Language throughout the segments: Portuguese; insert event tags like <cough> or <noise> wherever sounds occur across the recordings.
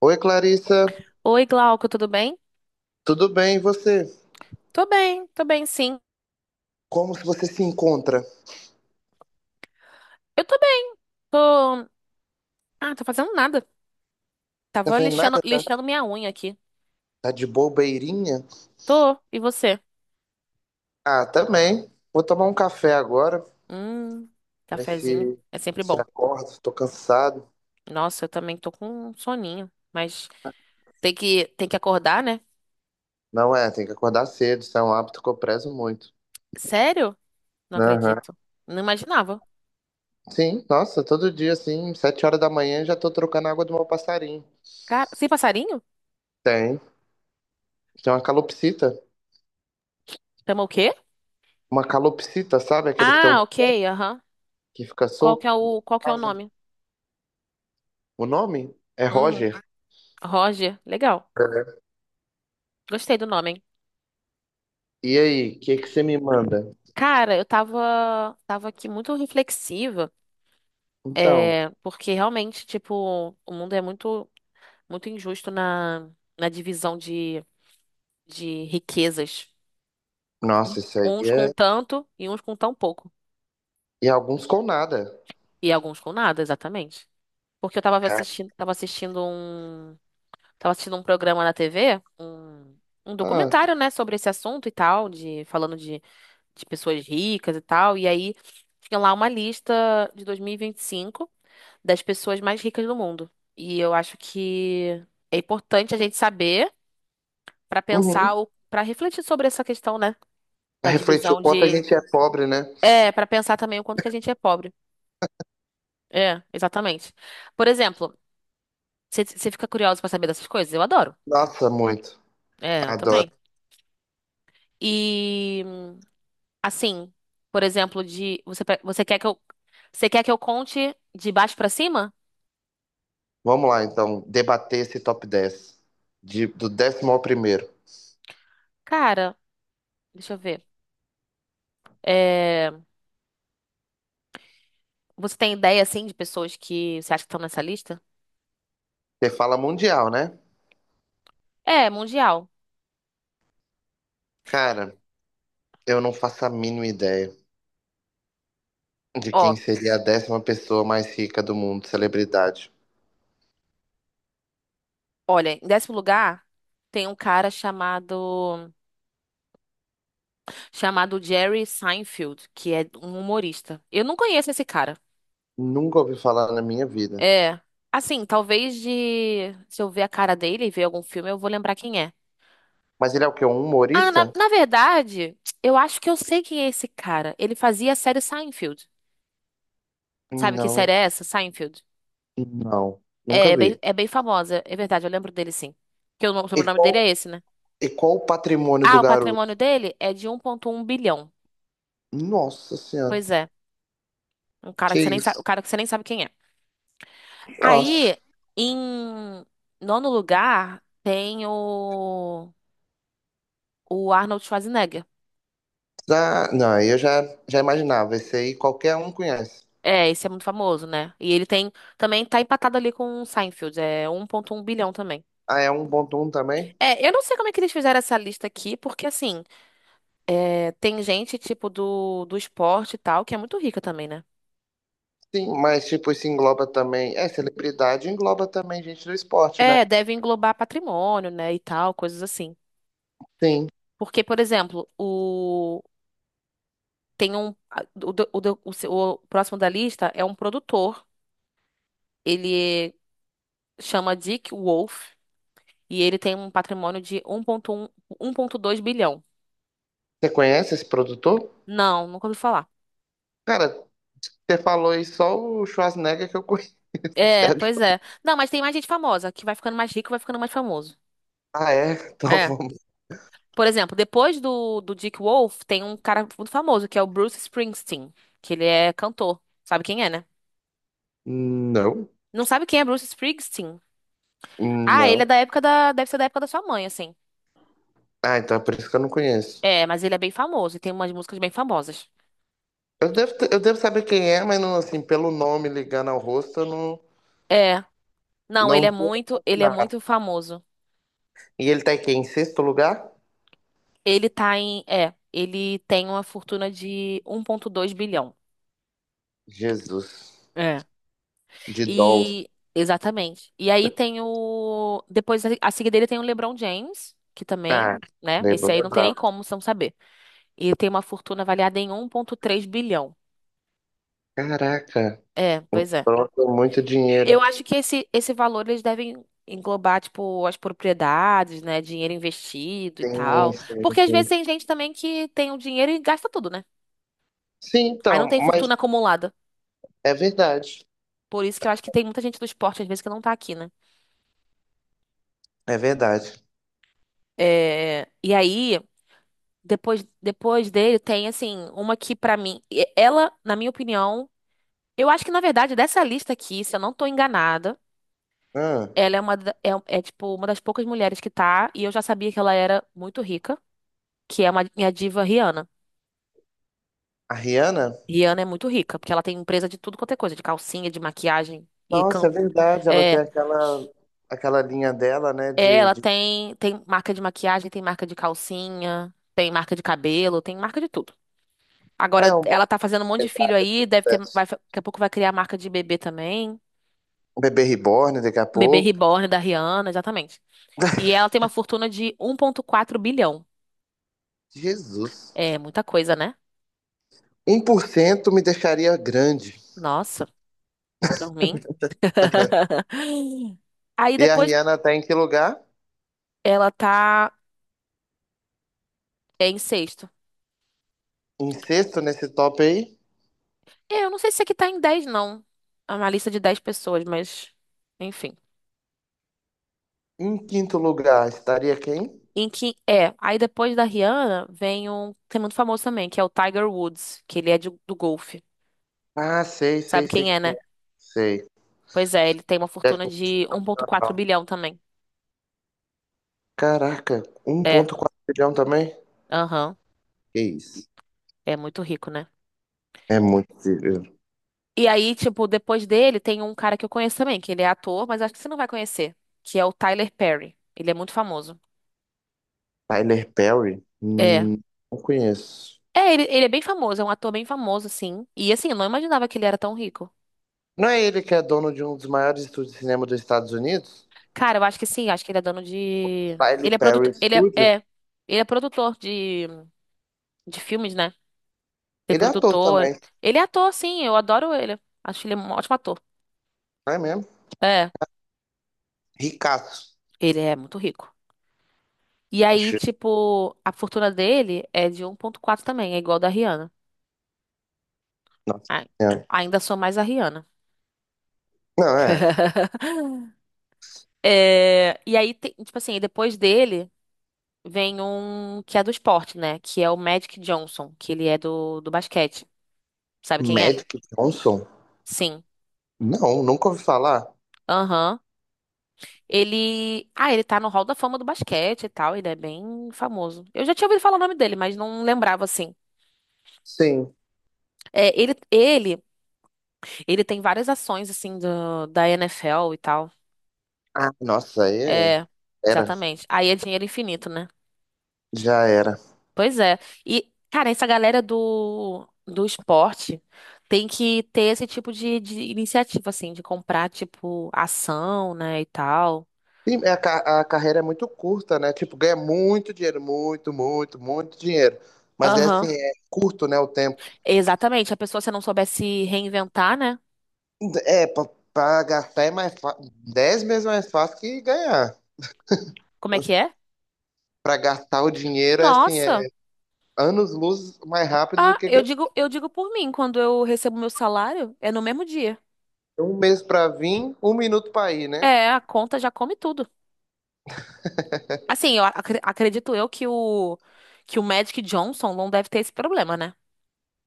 Oi, Clarissa. Oi, Glauco, tudo bem? Tudo bem, e você? Tô bem, tô bem, sim. Como se você se encontra? Eu tô bem. Tô. Ah, tô fazendo nada. Tá Tava vendo lixando, nada? Tá lixando minha unha aqui. tá de bobeirinha? Tô. E você? Ah, também. Vou tomar um café agora, Hum. ver Cafezinho. se É sempre se bom. acorda. Tô cansado. Nossa, eu também tô com um soninho. Mas tem que acordar, né? Não é, tem que acordar cedo. Isso é um hábito que eu prezo muito. Sério? Não Aham. acredito. Não imaginava. Sim, nossa, todo dia, assim, 7 horas da manhã, já tô trocando a água do meu passarinho. Cara, sem passarinho? Tem. Tem uma calopsita. Chama o quê? Uma calopsita, sabe? Aquele que tem um Ah, ok, aham. que fica solto. Qual que é o Casa. nome? O nome é Uhum. Roger. Roger. Legal. É. Gostei do nome, hein? E aí, o que que você me manda? Cara, eu tava aqui muito reflexiva. Então, É, porque realmente, tipo, o mundo é muito, muito injusto na divisão de riquezas. nossa, isso aí Uns com é. tanto e uns com tão pouco. E alguns com nada. E alguns com nada, exatamente. Porque eu Cara, tava assistindo um programa na TV, um ah, documentário, né, sobre esse assunto e tal, de falando de pessoas ricas e tal. E aí tinha lá uma lista de dois mil e vinte e cinco das pessoas mais ricas do mundo. E eu acho que é importante a gente saber para pensar, uhum. para refletir sobre essa questão, né? Da Refletir o divisão quanto a de. gente é pobre, né? É, para pensar também o quanto que a gente é pobre. É, exatamente. Por exemplo, você fica curioso para saber dessas coisas? Eu adoro. Nossa, muito. É, eu Adoro. também. E assim, por exemplo, você quer que eu conte de baixo pra cima? Vamos lá, então, debater esse top 10. Do 10º ao primeiro. Cara, deixa eu ver. É, você tem ideia assim de pessoas que você acha que estão nessa lista? Você fala mundial, né? É, mundial. Cara, eu não faço a mínima ideia de Ó, quem seria a 10ª pessoa mais rica do mundo, celebridade. olha, em décimo lugar tem um cara chamado Jerry Seinfeld, que é um humorista. Eu não conheço esse cara. Nunca ouvi falar na minha vida. É, assim, talvez de se eu ver a cara dele e ver algum filme, eu vou lembrar quem é. Mas ele é o quê? Um Ah, humorista? na verdade, eu acho que eu sei quem é esse cara. Ele fazia a série Seinfeld. Sabe que série Não, é essa? Seinfeld. não. É, Nunca é bem, vi. é bem famosa, é verdade, eu lembro dele sim. Que o E sobrenome dele qual, é esse, né? e qual o patrimônio Ah, do o patrimônio garoto? dele é de 1,1 bilhão. Nossa Senhora, Pois é, um cara que que você nem sabe, o isso? cara que você nem sabe quem é. Nossa. Aí, em nono lugar, tem o Arnold Schwarzenegger. Ah, não, eu já imaginava, esse aí qualquer um conhece. É, esse é muito famoso, né? E também tá empatado ali com o Seinfeld, é 1,1 bilhão também. Ah, é um Bontum também? É, eu não sei como é que eles fizeram essa lista aqui, porque assim, é, tem gente tipo do esporte e tal, que é muito rica também, né? Sim, mas tipo, isso engloba também. É, celebridade engloba também gente do esporte, né? É, deve englobar patrimônio, né, e tal, coisas assim. Sim. Porque, por exemplo, o tem um o, do- o, do- o, se- o próximo da lista é um produtor. Ele chama Dick Wolf e ele tem um patrimônio de 1,1, 1,2 bilhão. Você conhece esse produtor? Não, nunca ouvi falar. Cara, você falou aí só o Schwarzenegger que eu conheço. É, pois <laughs> é. Não, mas tem mais gente famosa que vai ficando mais rico, vai ficando mais famoso. Ah, é? Então É. vamos. Por exemplo, depois do Dick Wolf, tem um cara muito famoso que é o Bruce Springsteen, que ele é cantor. Sabe quem é, né? Não, Não sabe quem é Bruce Springsteen? Ah, ele não. Deve ser da época da sua mãe, assim. Ah, então é por isso que eu não conheço. É, mas ele é bem famoso e tem umas músicas bem famosas. Eu devo saber quem é, mas não, assim, pelo nome ligando ao rosto, eu não, É. Não, não tô. Ele é muito famoso. E ele tá aqui em sexto lugar? Ele tá em, é, ele tem uma fortuna de 1,2 bilhão. Jesus. É. De Dolph. E exatamente. E aí tem o depois a seguir dele tem o LeBron James, que Ah, também, né? Esse Lebron aí é. não tem nem como não saber. E tem uma fortuna avaliada em 1,3 bilhão. Caraca, É, pois é. pronto, muito Eu dinheiro. acho que esse valor eles devem englobar tipo as propriedades, né, dinheiro investido e Sim, tal, sim, porque às sim. vezes tem gente também que tem o dinheiro e gasta tudo, né? Sim, Aí não então, tem mas fortuna acumulada. é verdade. Por isso que eu acho que tem muita gente do esporte, às vezes, que não tá aqui, né? É verdade. É, e aí, depois dele, tem, assim, uma que, pra mim, ela, na minha opinião, eu acho que, na verdade, dessa lista aqui, se eu não tô enganada, Ah, ela é tipo, uma das poucas mulheres que tá, e eu já sabia que ela era muito rica, que é minha diva Rihanna. a Rihanna? Rihanna é muito rica, porque ela tem empresa de tudo quanto é coisa, de calcinha, de maquiagem e Nossa, canto. é verdade. Ela tem É, aquela linha dela, né? é, ela tem marca de maquiagem, tem marca de calcinha, tem marca de cabelo, tem marca de tudo. É Agora um ela tá fazendo um monte de filho aí, processo. Daqui a pouco vai criar a marca de bebê também. Um Bebê reborn daqui a Bebê pouco. Reborn da Rihanna, exatamente. E ela tem uma fortuna de 1,4 bilhão. Jesus. É muita coisa, né? 1% me deixaria grande. Nossa, pra mim. <laughs> <laughs> Aí E a depois Rihanna tá em que lugar? ela tá em sexto. Em sexto nesse top aí? É, eu não sei se aqui tá em 10 não. É uma lista de 10 pessoas, mas enfim. Em quinto lugar, estaria quem? Aí depois da Rihanna vem um que é muito famoso também, que é o Tiger Woods, que ele é do golfe. Ah, sei, sei, Sabe sei quem é, quem né? é. Sei. Pois é, ele tem uma É fortuna de 1,4 cultural. bilhão também. Caraca, um É, ponto quatro bilhão também? aham, Que isso? é muito rico, né? É muito dinheiro. E aí, tipo, depois dele tem um cara que eu conheço também, que ele é ator, mas acho que você não vai conhecer, que é o Tyler Perry. Ele é muito famoso. Tyler Perry? É. Não conheço. É, ele é bem famoso, é um ator bem famoso, assim. E assim, eu não imaginava que ele era tão rico. Não é ele que é dono de um dos maiores estúdios de cinema dos Estados Unidos? Cara, eu acho que sim, acho que ele é dono de. Tyler Ele é Perry produtor. Ele é, Studio? é, ele é produtor de filmes, né? Tem Ele é ator produtor. também, Ele é ator, sim, eu adoro ele. Acho ele um ótimo ator. não é mesmo? É, Ricaço. ele é muito rico. E aí, Acho- tipo, a fortuna dele é de 1,4 também, é igual a da Rihanna. Nossa Ai, Senhora. ainda sou mais a Rihanna. Não, é. <laughs> É, e aí, tipo assim, depois dele vem um que é do esporte, né? Que é o Magic Johnson, que ele é do basquete. Sabe quem é? Magic Johnson? Sim. Não, nunca ouvi falar. Aham. Ele. Ah, ele tá no Hall da Fama do basquete e tal. Ele é bem famoso. Eu já tinha ouvido falar o nome dele, mas não lembrava assim. Sim. É, ele tem várias ações assim da NFL e tal. Ah, nossa, aí é. É, Era. exatamente. Aí é dinheiro infinito, né? Já era. Pois é. E, cara, essa galera do esporte tem que ter esse tipo de iniciativa, assim, de comprar, tipo, ação, né, e tal. Sim, é, a carreira é muito curta, né? Tipo, ganha muito dinheiro, muito, muito, muito dinheiro. Mas é assim, Aham. é curto, né, o tempo. Exatamente. A pessoa, se não souber se reinventar, né? É, pra gastar é mais fácil, 10 vezes mais fácil que ganhar. Como é que é? Pra gastar o dinheiro é assim, Nossa. é anos-luz mais rápido do Ah, que ganhar. Eu digo por mim, quando eu recebo meu salário, é no mesmo dia. Um mês pra vir, um minuto pra ir, né? É, a conta já come tudo. Assim, eu acredito eu que o Magic Johnson não deve ter esse problema, né?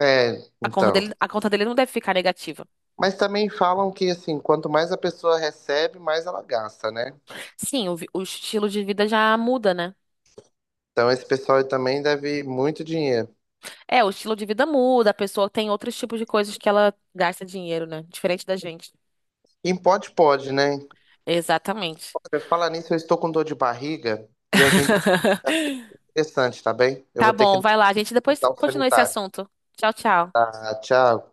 É, A conta então. dele, a conta dele não deve ficar negativa. Mas também falam que, assim, quanto mais a pessoa recebe, mais ela gasta, né? Sim, o estilo de vida já muda, né? Então esse pessoal aí também deve muito dinheiro. É, o estilo de vida muda, a pessoa tem outros tipos de coisas que ela gasta dinheiro, né? Diferente da gente. Quem pode, pode, né? Exatamente. Você fala nisso, eu estou com dor de barriga e a gente é <laughs> interessante, tá bem? Eu Tá vou ter que ir bom, no vai lá, a gente depois hospital continua esse sanitário. assunto. Tchau, tchau. Tá, tchau.